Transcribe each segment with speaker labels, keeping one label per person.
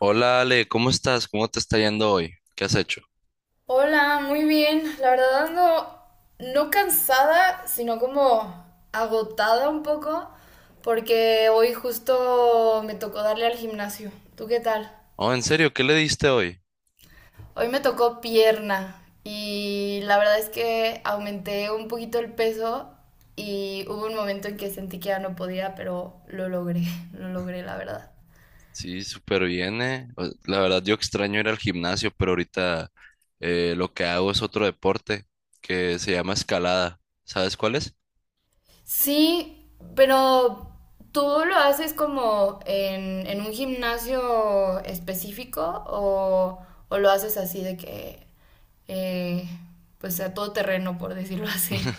Speaker 1: Hola Ale, ¿cómo estás? ¿Cómo te está yendo hoy? ¿Qué has hecho?
Speaker 2: Hola, muy bien. La verdad ando no cansada, sino como agotada un poco, porque hoy justo me tocó darle al gimnasio. ¿Tú qué tal?
Speaker 1: Oh, ¿en serio? ¿Qué le diste hoy?
Speaker 2: Hoy me tocó pierna y la verdad es que aumenté un poquito el peso y hubo un momento en que sentí que ya no podía, pero lo logré, lo logré, la verdad.
Speaker 1: Sí, súper bien, eh. O- La verdad, yo extraño ir al gimnasio, pero ahorita lo que hago es otro deporte que se llama escalada. ¿Sabes cuál es?
Speaker 2: Sí, pero ¿tú lo haces como en un gimnasio específico o lo haces así de que, eh, pues a todo terreno, por decirlo así?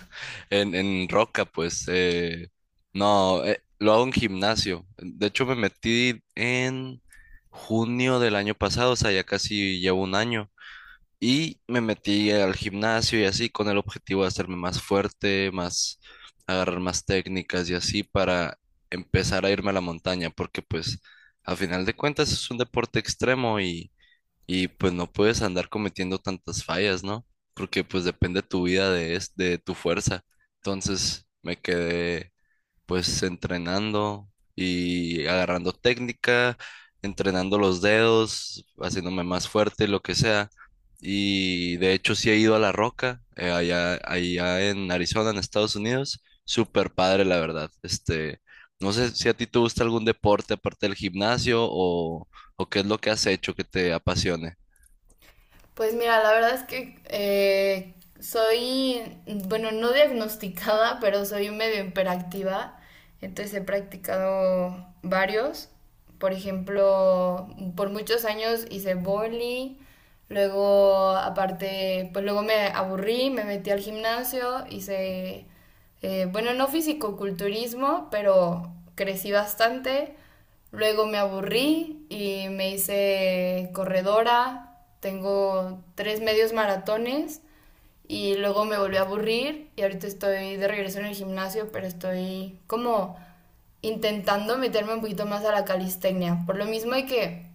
Speaker 1: En roca, pues. No, Lo hago en gimnasio. De hecho, me metí en junio del año pasado, o sea, ya casi llevo un año. Y me metí al gimnasio y así con el objetivo de hacerme más fuerte, más agarrar más técnicas y así para empezar a irme a la montaña, porque pues a final de cuentas es un deporte extremo y pues no puedes andar cometiendo tantas fallas, ¿no? Porque pues depende tu vida de, es- de tu fuerza. Entonces me quedé pues entrenando y agarrando técnica, entrenando los dedos, haciéndome más fuerte, lo que sea. Y de hecho sí he ido a La Roca, allá, en Arizona, en Estados Unidos. Súper padre, la verdad. Este, no sé si a ti te gusta algún deporte aparte del gimnasio o qué es lo que has hecho que te apasione.
Speaker 2: Pues mira, la verdad es que soy, bueno, no diagnosticada, pero soy medio hiperactiva. Entonces he practicado varios. Por ejemplo, por muchos años hice boli. Luego, aparte, pues luego me aburrí, me metí al gimnasio, hice bueno, no fisicoculturismo, pero crecí bastante. Luego me aburrí y me hice corredora. Tengo tres medios maratones y luego me volví a aburrir y ahorita estoy de regreso en el gimnasio, pero estoy como intentando meterme un poquito más a la calistenia. Por lo mismo hay que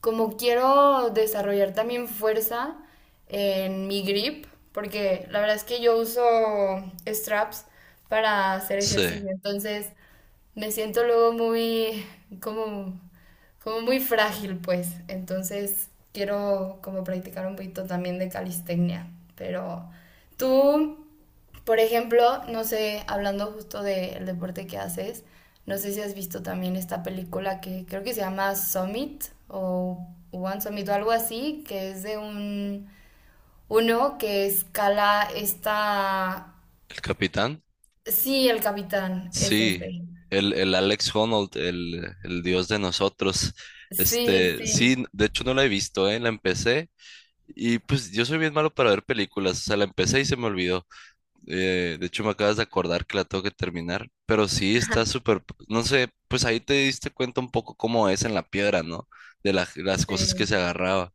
Speaker 2: como quiero desarrollar también fuerza en mi grip, porque la verdad es que yo uso straps para hacer
Speaker 1: Sí,
Speaker 2: ejercicio, entonces me siento luego muy, como, como muy frágil, pues. Entonces quiero como practicar un poquito también de calistenia, pero tú... Por ejemplo, no sé, hablando justo del deporte que haces, no sé si has visto también esta película que creo que se llama Summit o One Summit o algo así, que es de un uno que escala esta...
Speaker 1: el capitán.
Speaker 2: Sí, el capitán es
Speaker 1: Sí,
Speaker 2: este.
Speaker 1: el Alex Honnold, el dios de nosotros.
Speaker 2: Sí,
Speaker 1: Este,
Speaker 2: sí,
Speaker 1: sí, de hecho no la he visto, ¿eh? La empecé y pues yo soy bien malo para ver películas, o sea, la empecé y se me olvidó. De hecho me acabas de acordar que la tengo que terminar, pero sí, está súper, no sé, pues ahí te diste cuenta un poco cómo es en la piedra, ¿no? De la- las cosas que
Speaker 2: sí,
Speaker 1: se agarraba.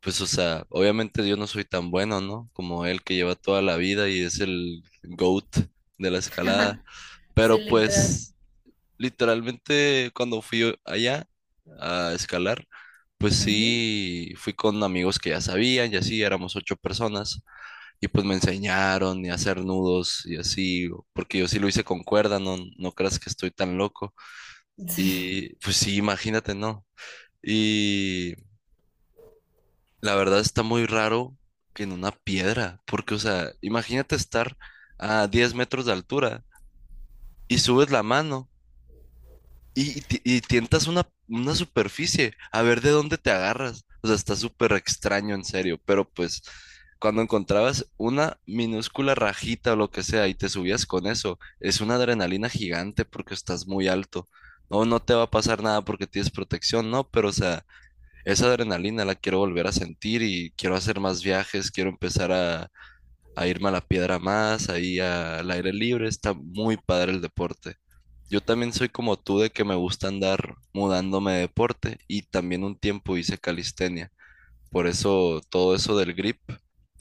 Speaker 1: Pues, o sea, obviamente yo no soy tan bueno, ¿no? Como él que lleva toda la vida y es el GOAT de la escalada.
Speaker 2: sí,
Speaker 1: Pero
Speaker 2: literal.
Speaker 1: pues literalmente cuando fui allá a escalar, pues
Speaker 2: Ujú.
Speaker 1: sí, fui con amigos que ya sabían y así, éramos ocho personas y pues me enseñaron y a hacer nudos y así, porque yo sí lo hice con cuerda, no, no creas que estoy tan loco.
Speaker 2: Sí.
Speaker 1: Y pues sí, imagínate, ¿no? Y la verdad está muy raro que en una piedra, porque o sea, imagínate estar a 10 metros de altura y subes la mano. Y ti- y tientas una superficie, a ver de dónde te agarras. O sea, está súper extraño, en serio. Pero pues, cuando encontrabas una minúscula rajita o lo que sea y te subías con eso, es una adrenalina gigante porque estás muy alto. No, no te va a pasar nada porque tienes protección, no, pero o sea, esa adrenalina la quiero volver a sentir y quiero hacer más viajes, quiero empezar a irme a la piedra más, ahí a- al aire libre. Está muy padre el deporte. Yo también soy como tú de que me gusta andar mudándome de deporte y también un tiempo hice calistenia. Por eso todo eso del grip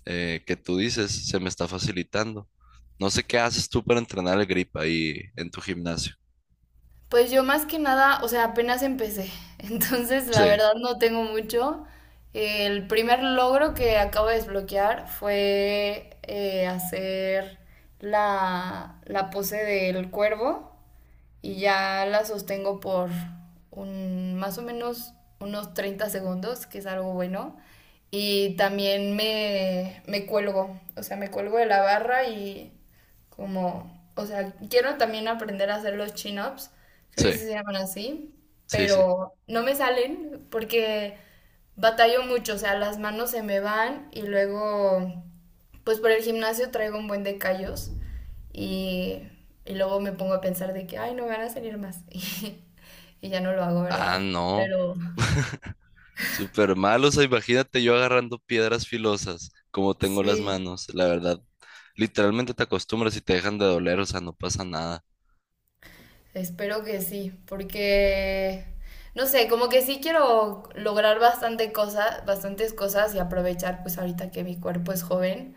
Speaker 1: que tú dices se me está facilitando. No sé qué haces tú para entrenar el grip ahí en tu gimnasio.
Speaker 2: Pues yo más que nada, o sea, apenas empecé, entonces la
Speaker 1: Sí,
Speaker 2: verdad no tengo mucho. El primer logro que acabo de desbloquear fue hacer la pose del cuervo y ya la sostengo por más o menos unos 30 segundos, que es algo bueno. Y también me cuelgo, o sea, me cuelgo de la barra y como, o sea, quiero también aprender a hacer los chin-ups, creo
Speaker 1: sí,
Speaker 2: que sí se llaman así,
Speaker 1: sí, sí.
Speaker 2: pero no me salen porque batallo mucho, o sea, las manos se me van y luego, pues por el gimnasio traigo un buen de callos y, y luego me pongo a pensar de que, ay, no me van a salir más y ya no lo hago,
Speaker 1: Ah,
Speaker 2: ¿verdad?
Speaker 1: no.
Speaker 2: Pero
Speaker 1: Súper malo, o sea, imagínate yo agarrando piedras filosas, como tengo las
Speaker 2: sí.
Speaker 1: manos, la verdad. Literalmente te acostumbras y te dejan de doler, o sea, no pasa nada.
Speaker 2: Espero que sí, porque no sé, como que sí quiero lograr bastante cosas, bastantes cosas y aprovechar pues ahorita que mi cuerpo es joven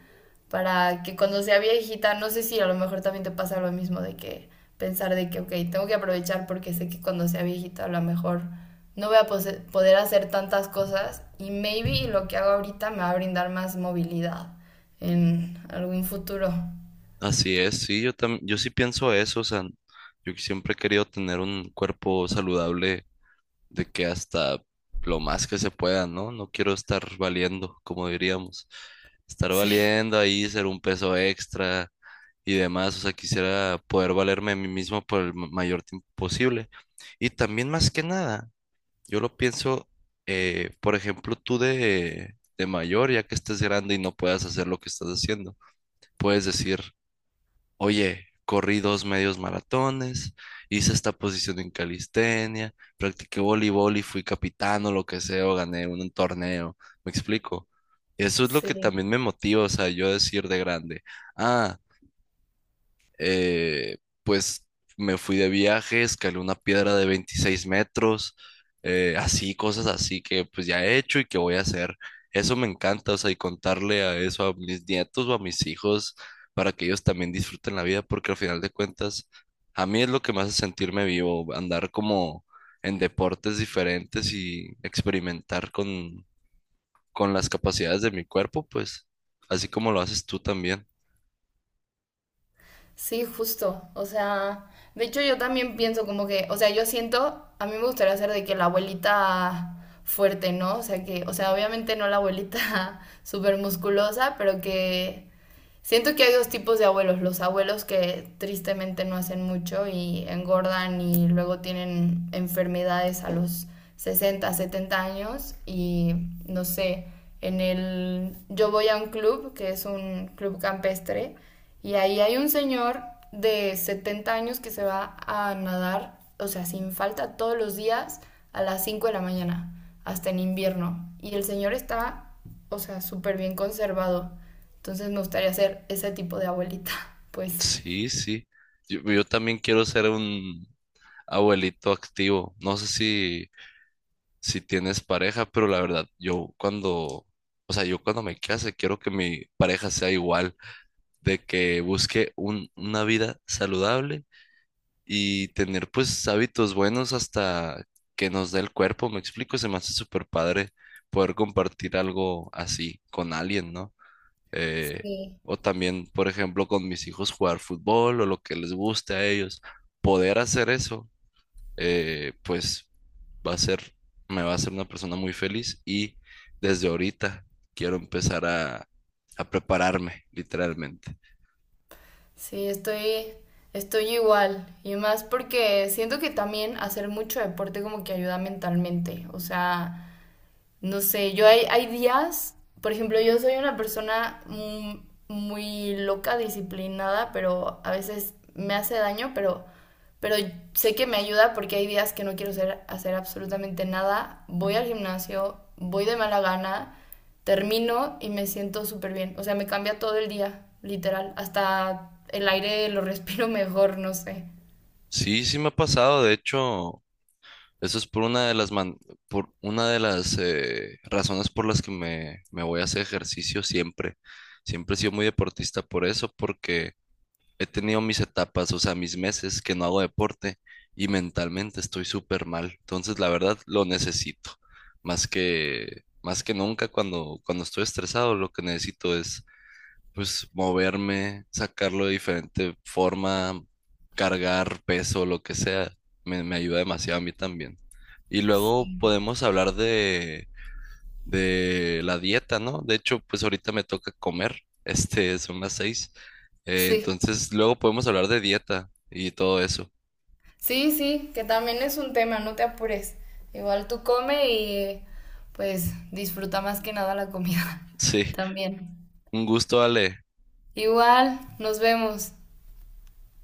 Speaker 2: para que cuando sea viejita, no sé si a lo mejor también te pasa lo mismo de que pensar de que, ok, tengo que aprovechar porque sé que cuando sea viejita a lo mejor no voy a poder hacer tantas cosas y maybe lo que hago ahorita me va a brindar más movilidad en algún futuro.
Speaker 1: Así es, sí, yo sí pienso eso, o sea, yo que siempre he querido tener un cuerpo saludable de que hasta lo más que se pueda, ¿no? No quiero estar valiendo, como diríamos, estar valiendo ahí, ser un peso extra y demás, o sea, quisiera poder valerme a mí mismo por el ma- mayor tiempo posible. Y también más que nada, yo lo pienso, por ejemplo, tú de mayor, ya que estés grande y no puedas hacer lo que estás haciendo, puedes decir: oye, corrí dos medios maratones, hice esta posición en calistenia, practiqué voleibol y fui capitán o lo que sea, o gané un torneo. ¿Me explico? Eso es lo
Speaker 2: Sí,
Speaker 1: que
Speaker 2: sí.
Speaker 1: también me motiva, o sea, yo decir de grande, ah, pues me fui de viaje, escalé una piedra de 26 metros, así, cosas así que pues ya he hecho y que voy a hacer. Eso me encanta, o sea, y contarle a eso a mis nietos o a mis hijos para que ellos también disfruten la vida, porque al final de cuentas, a mí es lo que me hace sentirme vivo, andar como en deportes diferentes y experimentar con las capacidades de mi cuerpo, pues, así como lo haces tú también.
Speaker 2: Sí, justo. O sea, de hecho yo también pienso como que, o sea, yo siento, a mí me gustaría ser de que la abuelita fuerte, ¿no? O sea, que, o sea, obviamente no la abuelita súper musculosa, pero que siento que hay dos tipos de abuelos, los abuelos que tristemente no hacen mucho y engordan y luego tienen enfermedades a los 60 70 años y no sé, en el yo voy a un club que es un club campestre y ahí hay un señor de 70 años que se va a nadar, o sea, sin falta todos los días a las 5 de la mañana, hasta en invierno y el señor está, o sea, súper bien conservado. Entonces me gustaría ser ese tipo de abuelita, pues.
Speaker 1: Sí, sí. Yo también quiero ser un abuelito activo. No sé si, si tienes pareja, pero la verdad, o sea, yo cuando me case, quiero que mi pareja sea igual, de que busque una vida saludable y tener pues hábitos buenos hasta que nos dé el cuerpo. Me explico, se me hace súper padre poder compartir algo así con alguien, ¿no? Eh,
Speaker 2: Sí,
Speaker 1: o también, por ejemplo, con mis hijos jugar fútbol o lo que les guste a ellos, poder hacer eso, pues va a ser, me va a hacer una persona muy feliz y desde ahorita quiero empezar a prepararme, literalmente.
Speaker 2: sí, estoy igual. Y más porque siento que también hacer mucho deporte como que ayuda mentalmente. O sea, no sé, yo hay días, por ejemplo, yo soy una persona muy loca, disciplinada, pero a veces me hace daño, pero sé que me ayuda porque hay días que no quiero hacer absolutamente nada. Voy al gimnasio, voy de mala gana, termino y me siento súper bien. O sea, me cambia todo el día, literal. Hasta el aire lo respiro mejor, no sé.
Speaker 1: Sí, sí me ha pasado, de hecho, eso es por una de las, man- por una de las razones por las que me voy a hacer ejercicio siempre. Siempre he sido muy deportista por eso, porque he tenido mis etapas, o sea, mis meses que no hago deporte y mentalmente estoy súper mal. Entonces, la verdad, lo necesito. Más que nunca cuando estoy estresado, lo que necesito es, pues, moverme, sacarlo de diferente forma, cargar peso, lo que sea. Me ayuda demasiado a mí también. Y luego
Speaker 2: Sí.
Speaker 1: podemos hablar de la dieta, ¿no? De hecho, pues ahorita me toca comer. Este, son las seis.
Speaker 2: Sí.
Speaker 1: Entonces, luego podemos hablar de dieta y todo eso.
Speaker 2: Sí, sí, que también es un tema, no te apures. Igual tú come y pues disfruta más que nada la comida
Speaker 1: Sí,
Speaker 2: también.
Speaker 1: un gusto, Ale.
Speaker 2: Igual, nos vemos.